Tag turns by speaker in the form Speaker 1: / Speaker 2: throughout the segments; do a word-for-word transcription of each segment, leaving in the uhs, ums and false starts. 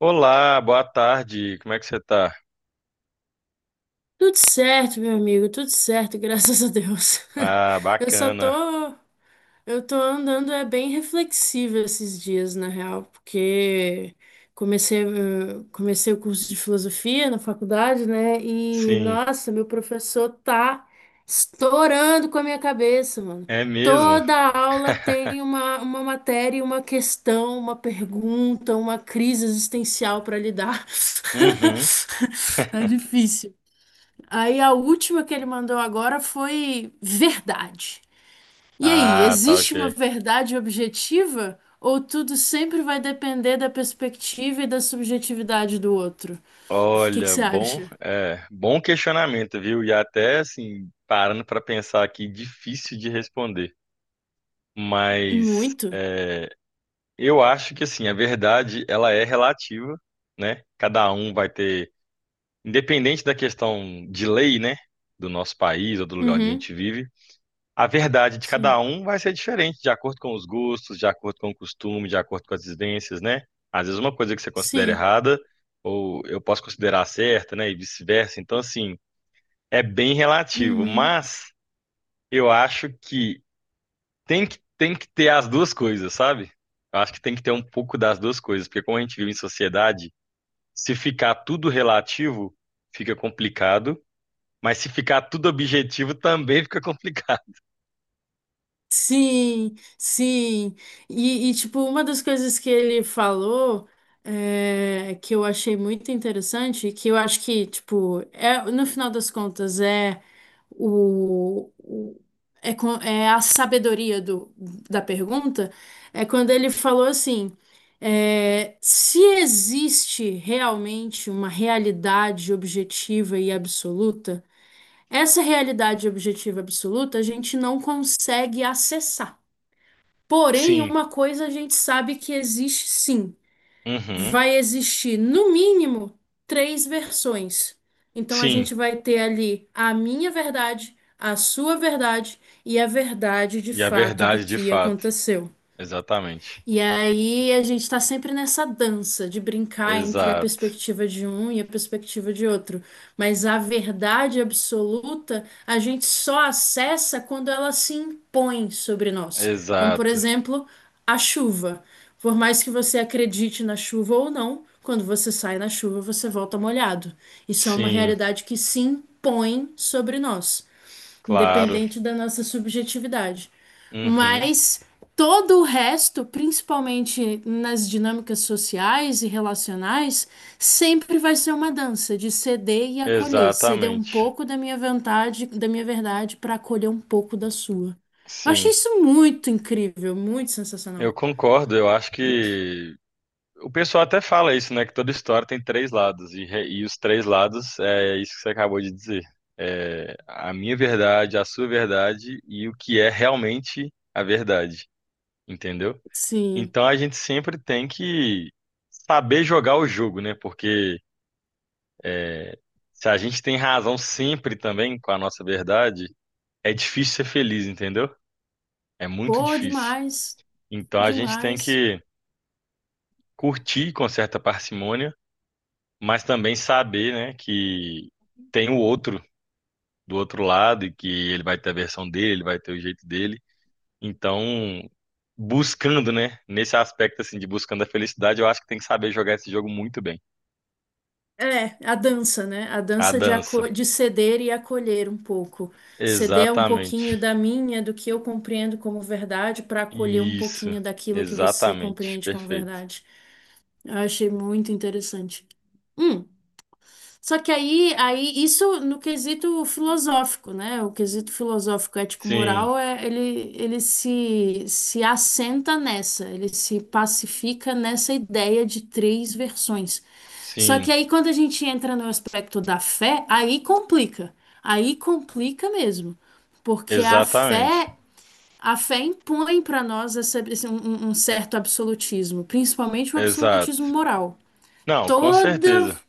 Speaker 1: Olá, boa tarde. Como é que você tá?
Speaker 2: Tudo certo, meu amigo, tudo certo, graças a Deus.
Speaker 1: Ah,
Speaker 2: Eu só tô,
Speaker 1: bacana.
Speaker 2: eu tô andando é bem reflexiva esses dias, na real, porque comecei, eh, comecei o curso de filosofia na faculdade, né? E
Speaker 1: Sim,
Speaker 2: nossa, meu professor tá estourando com a minha cabeça, mano.
Speaker 1: é mesmo.
Speaker 2: Toda aula tem uma, uma matéria, uma questão, uma pergunta, uma crise existencial para lidar.
Speaker 1: Uhum.
Speaker 2: Tá difícil. Aí a última que ele mandou agora foi verdade. E aí,
Speaker 1: Ah, tá
Speaker 2: existe
Speaker 1: ok.
Speaker 2: uma verdade objetiva ou tudo sempre vai depender da perspectiva e da subjetividade do outro? O que que
Speaker 1: Olha,
Speaker 2: você
Speaker 1: bom,
Speaker 2: acha?
Speaker 1: é, bom questionamento, viu? E até assim, parando para pensar aqui, difícil de responder. Mas
Speaker 2: Muito?
Speaker 1: é, eu acho que assim, a verdade ela é relativa, né? Cada um vai ter, independente da questão de lei, né? Do nosso país ou do lugar onde a
Speaker 2: Uhum.
Speaker 1: gente vive. A verdade de
Speaker 2: Sim.
Speaker 1: cada um vai ser diferente, de acordo com os gostos, de acordo com o costume, de acordo com as vivências, né? Às vezes uma coisa que você considera
Speaker 2: Sim.
Speaker 1: errada, ou eu posso considerar certa, né? E vice-versa. Então, assim, é bem relativo,
Speaker 2: Uhum.
Speaker 1: mas eu acho que tem que, tem que ter as duas coisas, sabe? Eu acho que tem que ter um pouco das duas coisas, porque como a gente vive em sociedade, se ficar tudo relativo, fica complicado, mas se ficar tudo objetivo, também fica complicado.
Speaker 2: Sim, sim. E, e, tipo, uma das coisas que ele falou é, que eu achei muito interessante, que eu acho que, tipo, é, no final das contas, é o, o- é, co- é a sabedoria do, da pergunta, é quando ele falou assim, é, se existe realmente uma realidade objetiva e absoluta, essa realidade objetiva absoluta a gente não consegue acessar. Porém,
Speaker 1: Sim,
Speaker 2: uma coisa a gente sabe que existe sim.
Speaker 1: uhum,
Speaker 2: Vai existir, no mínimo, três versões. Então, a
Speaker 1: sim.
Speaker 2: gente vai ter ali a minha verdade, a sua verdade e a verdade de
Speaker 1: E a
Speaker 2: fato do
Speaker 1: verdade de
Speaker 2: que
Speaker 1: fato.
Speaker 2: aconteceu.
Speaker 1: Exatamente.
Speaker 2: E aí a gente está sempre nessa dança de brincar entre a
Speaker 1: Exato.
Speaker 2: perspectiva de um e a perspectiva de outro. Mas a verdade absoluta a gente só acessa quando ela se impõe sobre nós. Como, por
Speaker 1: Exato.
Speaker 2: exemplo, a chuva. Por mais que você acredite na chuva ou não, quando você sai na chuva, você volta molhado. Isso é uma
Speaker 1: Sim,
Speaker 2: realidade que se impõe sobre nós
Speaker 1: claro.
Speaker 2: independente da nossa subjetividade.
Speaker 1: Uhum.
Speaker 2: Mas todo o resto, principalmente nas dinâmicas sociais e relacionais, sempre vai ser uma dança de ceder e acolher, ceder um
Speaker 1: Exatamente.
Speaker 2: pouco da minha vontade, da minha verdade para acolher um pouco da sua. Eu achei
Speaker 1: Sim.
Speaker 2: isso muito incrível, muito
Speaker 1: Eu
Speaker 2: sensacional.
Speaker 1: concordo. Eu acho que o pessoal até fala isso, né? Que toda história tem três lados. E, re- e os três lados é isso que você acabou de dizer. É a minha verdade, a sua verdade e o que é realmente a verdade. Entendeu?
Speaker 2: Sim,
Speaker 1: Então a gente sempre tem que saber jogar o jogo, né? Porque se a gente tem razão sempre também com a nossa verdade, é difícil ser feliz, entendeu? É muito
Speaker 2: pô,
Speaker 1: difícil.
Speaker 2: demais,
Speaker 1: Então a gente tem
Speaker 2: demais.
Speaker 1: que curtir com certa parcimônia, mas também saber, né, que tem o outro do outro lado e que ele vai ter a versão dele, ele vai ter o jeito dele. Então, buscando, né, nesse aspecto assim de buscando a felicidade, eu acho que tem que saber jogar esse jogo muito bem.
Speaker 2: É, a dança, né? A
Speaker 1: A
Speaker 2: dança de,
Speaker 1: dança.
Speaker 2: aco- de ceder e acolher um pouco. Ceder um pouquinho
Speaker 1: Exatamente.
Speaker 2: da minha, do que eu compreendo como verdade, para acolher um
Speaker 1: Isso.
Speaker 2: pouquinho daquilo que você
Speaker 1: Exatamente.
Speaker 2: compreende como
Speaker 1: Perfeito.
Speaker 2: verdade. Eu achei muito interessante. Só que aí, aí isso no quesito filosófico, né? O quesito filosófico
Speaker 1: Sim,
Speaker 2: ético-moral é ele, ele se, se assenta nessa, ele se pacifica nessa ideia de três versões. Só
Speaker 1: sim,
Speaker 2: que aí quando a gente entra no aspecto da fé, aí complica. Aí complica mesmo, porque a
Speaker 1: exatamente.
Speaker 2: fé a fé impõe para nós essa- esse- um um um certo absolutismo, principalmente o absolutismo
Speaker 1: Exato.
Speaker 2: moral.
Speaker 1: Não, com
Speaker 2: Toda
Speaker 1: certeza,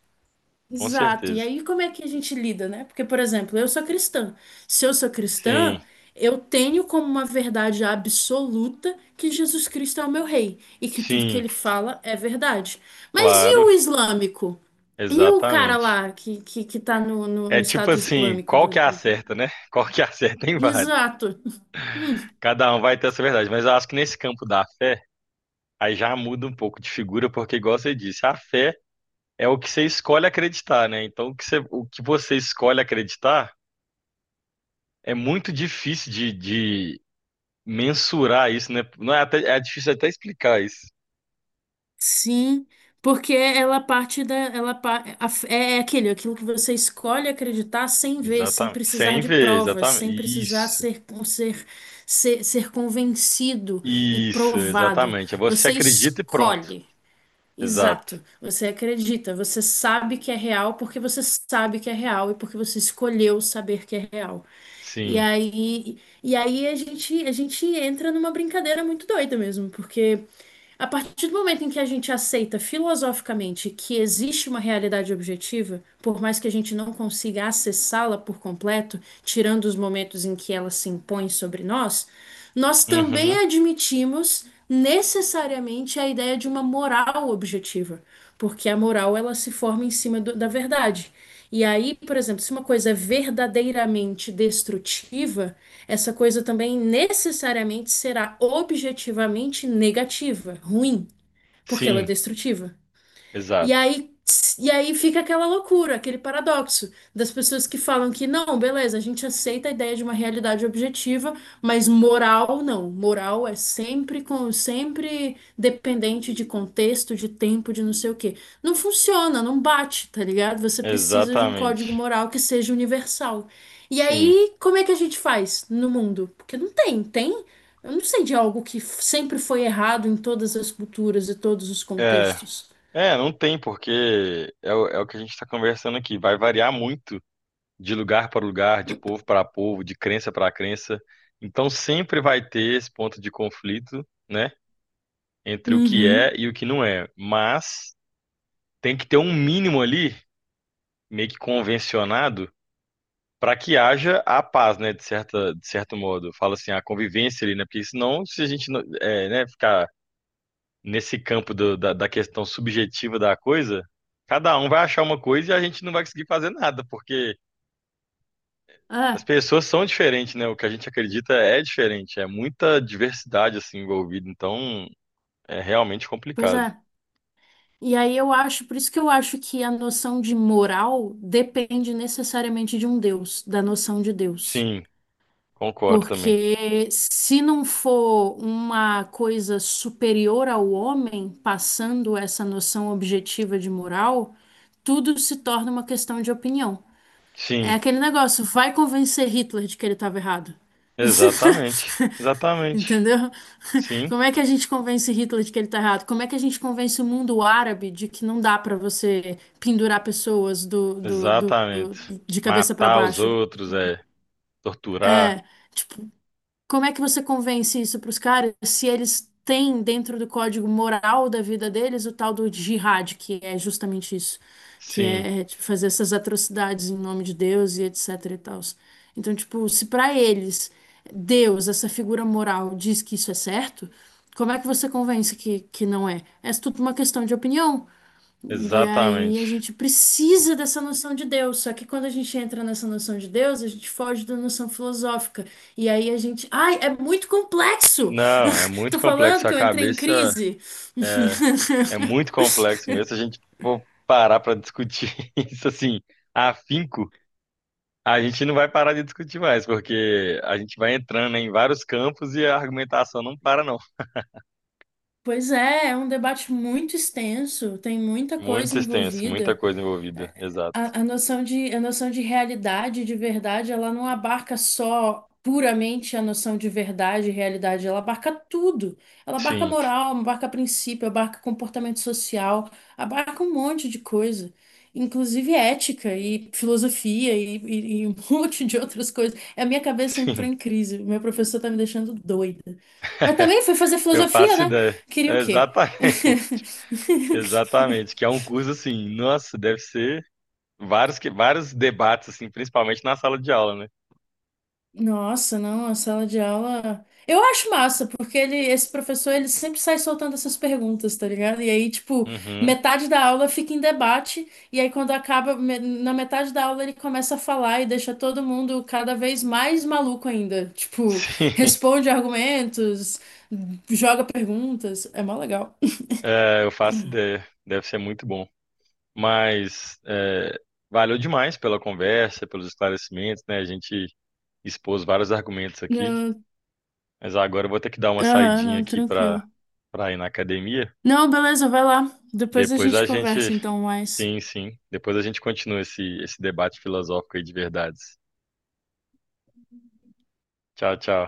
Speaker 1: com
Speaker 2: Exato. E
Speaker 1: certeza.
Speaker 2: aí, como é que a gente lida, né? Porque, por exemplo, eu sou cristã. Se eu sou
Speaker 1: Sim,
Speaker 2: cristã, eu tenho como uma verdade absoluta que Jesus Cristo é o meu rei e que tudo que
Speaker 1: sim,
Speaker 2: ele fala é verdade. Mas e
Speaker 1: claro,
Speaker 2: o islâmico? E o cara
Speaker 1: exatamente.
Speaker 2: lá que, que, que tá no, no,
Speaker 1: É
Speaker 2: no
Speaker 1: tipo
Speaker 2: Estado
Speaker 1: assim,
Speaker 2: Islâmico? Da
Speaker 1: qual que é a certa, né? Qual que é a certa tem várias.
Speaker 2: Exato.
Speaker 1: Cada um vai ter essa verdade, mas eu acho que nesse campo da fé, aí já muda um pouco de figura, porque igual você disse, a fé é o que você escolhe acreditar, né? Então o que você, o que você escolhe acreditar é muito difícil de, de mensurar isso, né? Não é até, é difícil até explicar isso.
Speaker 2: Sim, porque ela parte da, ela pa- a- é é aquele, aquilo que você escolhe acreditar sem ver, sem
Speaker 1: Exatamente.
Speaker 2: precisar
Speaker 1: Sem
Speaker 2: de
Speaker 1: ver,
Speaker 2: provas,
Speaker 1: exatamente.
Speaker 2: sem precisar
Speaker 1: Isso.
Speaker 2: ser, ser, ser, ser convencido e
Speaker 1: Isso,
Speaker 2: provado.
Speaker 1: exatamente. É. Você
Speaker 2: Você
Speaker 1: acredita e pronto.
Speaker 2: escolhe.
Speaker 1: Exato.
Speaker 2: Exato. Você acredita, você sabe que é real porque você sabe que é real e porque você escolheu saber que é real. E
Speaker 1: Sim.
Speaker 2: aí, e aí a gente, a gente entra numa brincadeira muito doida mesmo, porque a partir do momento em que a gente aceita filosoficamente que existe uma realidade objetiva, por mais que a gente não consiga acessá-la por completo, tirando os momentos em que ela se impõe sobre nós, nós
Speaker 1: Uhum.
Speaker 2: também admitimos necessariamente a ideia de uma moral objetiva, porque a moral ela se forma em cima do- da verdade. E aí, por exemplo, se uma coisa é verdadeiramente destrutiva, essa coisa também necessariamente será objetivamente negativa, ruim, porque ela é
Speaker 1: Sim,
Speaker 2: destrutiva. E
Speaker 1: exato.
Speaker 2: aí, e aí fica aquela loucura, aquele paradoxo das pessoas que falam que não, beleza, a gente aceita a ideia de uma realidade objetiva, mas moral não. Moral é sempre com, sempre dependente de contexto, de tempo, de não sei o quê. Não funciona, não bate, tá ligado? Você precisa de um código
Speaker 1: Exatamente.
Speaker 2: moral que seja universal. E
Speaker 1: Sim.
Speaker 2: aí, como é que a gente faz no mundo? Porque não tem, tem? Eu não sei de algo que f- sempre foi errado em todas as culturas e todos os
Speaker 1: É.
Speaker 2: contextos.
Speaker 1: É, não tem, porque é o, é o que a gente está conversando aqui. Vai variar muito de lugar para lugar, de povo para povo, de crença para crença. Então sempre vai ter esse ponto de conflito, né? Entre o que é
Speaker 2: Uhum.
Speaker 1: e o que não é. Mas tem que ter um mínimo ali, meio que convencionado, para que haja a paz, né, de certa, de certo modo. Fala assim, a convivência ali, né? Porque senão, se a gente não- é, né, ficar nesse campo do- da, da questão subjetiva da coisa, cada um vai achar uma coisa e a gente não vai conseguir fazer nada, porque as
Speaker 2: É,
Speaker 1: pessoas são diferentes, né? O que a gente acredita é diferente, é muita diversidade assim envolvida, então é realmente
Speaker 2: pois
Speaker 1: complicado.
Speaker 2: é. E aí eu acho, por isso que eu acho que a noção de moral depende necessariamente de um Deus, da noção de Deus.
Speaker 1: Sim, concordo também.
Speaker 2: Porque se não for uma coisa superior ao homem passando essa noção objetiva de moral, tudo se torna uma questão de opinião. É
Speaker 1: Sim,
Speaker 2: aquele negócio, vai convencer Hitler de que ele estava errado.
Speaker 1: exatamente. Exatamente.
Speaker 2: Entendeu?
Speaker 1: Sim,
Speaker 2: Como é que a gente convence Hitler de que ele tá errado? Como é que a gente convence o mundo árabe de que não dá para você pendurar pessoas do, do, do- do-
Speaker 1: exatamente.
Speaker 2: de cabeça para
Speaker 1: Matar os
Speaker 2: baixo?
Speaker 1: outros, é. Torturar.
Speaker 2: É, tipo, como é que você convence isso para os caras se eles têm dentro do código moral da vida deles o tal do jihad, que é justamente isso, que
Speaker 1: Sim,
Speaker 2: é tipo, fazer essas atrocidades em nome de Deus e etc e tal. Então, tipo, se para eles Deus, essa figura moral, diz que isso é certo, como é que você convence que, que não é? É tudo uma questão de opinião. E aí a
Speaker 1: exatamente.
Speaker 2: gente precisa dessa noção de Deus. Só que quando a gente entra nessa noção de Deus, a gente foge da noção filosófica. E aí a gente. Ai, é muito complexo!
Speaker 1: Não, é muito
Speaker 2: Tô falando
Speaker 1: complexo. A
Speaker 2: que eu entrei em
Speaker 1: cabeça
Speaker 2: crise.
Speaker 1: é, é muito complexo mesmo. Se a gente for parar para discutir isso assim, afinco, a gente não vai parar de discutir mais, porque a gente vai entrando em vários campos e a argumentação não para, não.
Speaker 2: Pois é, é um debate muito extenso, tem muita coisa
Speaker 1: Muito extenso, muita
Speaker 2: envolvida.
Speaker 1: coisa envolvida. Exato.
Speaker 2: A, a noção de, a noção de realidade, de verdade, ela não abarca só puramente a noção de verdade e realidade, ela abarca tudo. Ela abarca
Speaker 1: Sim,
Speaker 2: moral, abarca princípio, abarca comportamento social, abarca um monte de coisa, inclusive ética e filosofia e, e- e um monte de outras coisas. A minha cabeça entrou
Speaker 1: sim.
Speaker 2: em crise, meu professor tá me deixando doida. Mas também fui fazer
Speaker 1: Eu
Speaker 2: filosofia,
Speaker 1: faço
Speaker 2: né?
Speaker 1: ideia.
Speaker 2: Queria o quê?
Speaker 1: Exatamente. Exatamente. Que é um curso assim, nossa, deve ser vários, que, vários debates, assim, principalmente na sala de aula, né?
Speaker 2: Nossa, não, a sala de aula. Eu acho massa, porque ele, esse professor, ele sempre sai soltando essas perguntas, tá ligado? E aí, tipo,
Speaker 1: Uhum.
Speaker 2: metade da aula fica em debate, e aí quando acaba, me- na metade da aula ele começa a falar e deixa todo mundo cada vez mais maluco ainda. Tipo,
Speaker 1: Sim,
Speaker 2: responde argumentos, joga perguntas. É mó legal.
Speaker 1: é, eu faço ideia. Deve ser muito bom. Mas é, valeu demais pela conversa, pelos esclarecimentos, né? A gente expôs vários argumentos aqui.
Speaker 2: Não,
Speaker 1: Mas agora eu vou ter que dar uma
Speaker 2: Aham,
Speaker 1: saidinha
Speaker 2: não,
Speaker 1: aqui
Speaker 2: tranquilo.
Speaker 1: para para ir na academia.
Speaker 2: Não, beleza, vai lá. Depois a
Speaker 1: Depois
Speaker 2: gente
Speaker 1: a gente.
Speaker 2: conversa então mais.
Speaker 1: Sim, sim. Depois a gente continua esse, esse debate filosófico aí de verdades. Tchau, tchau.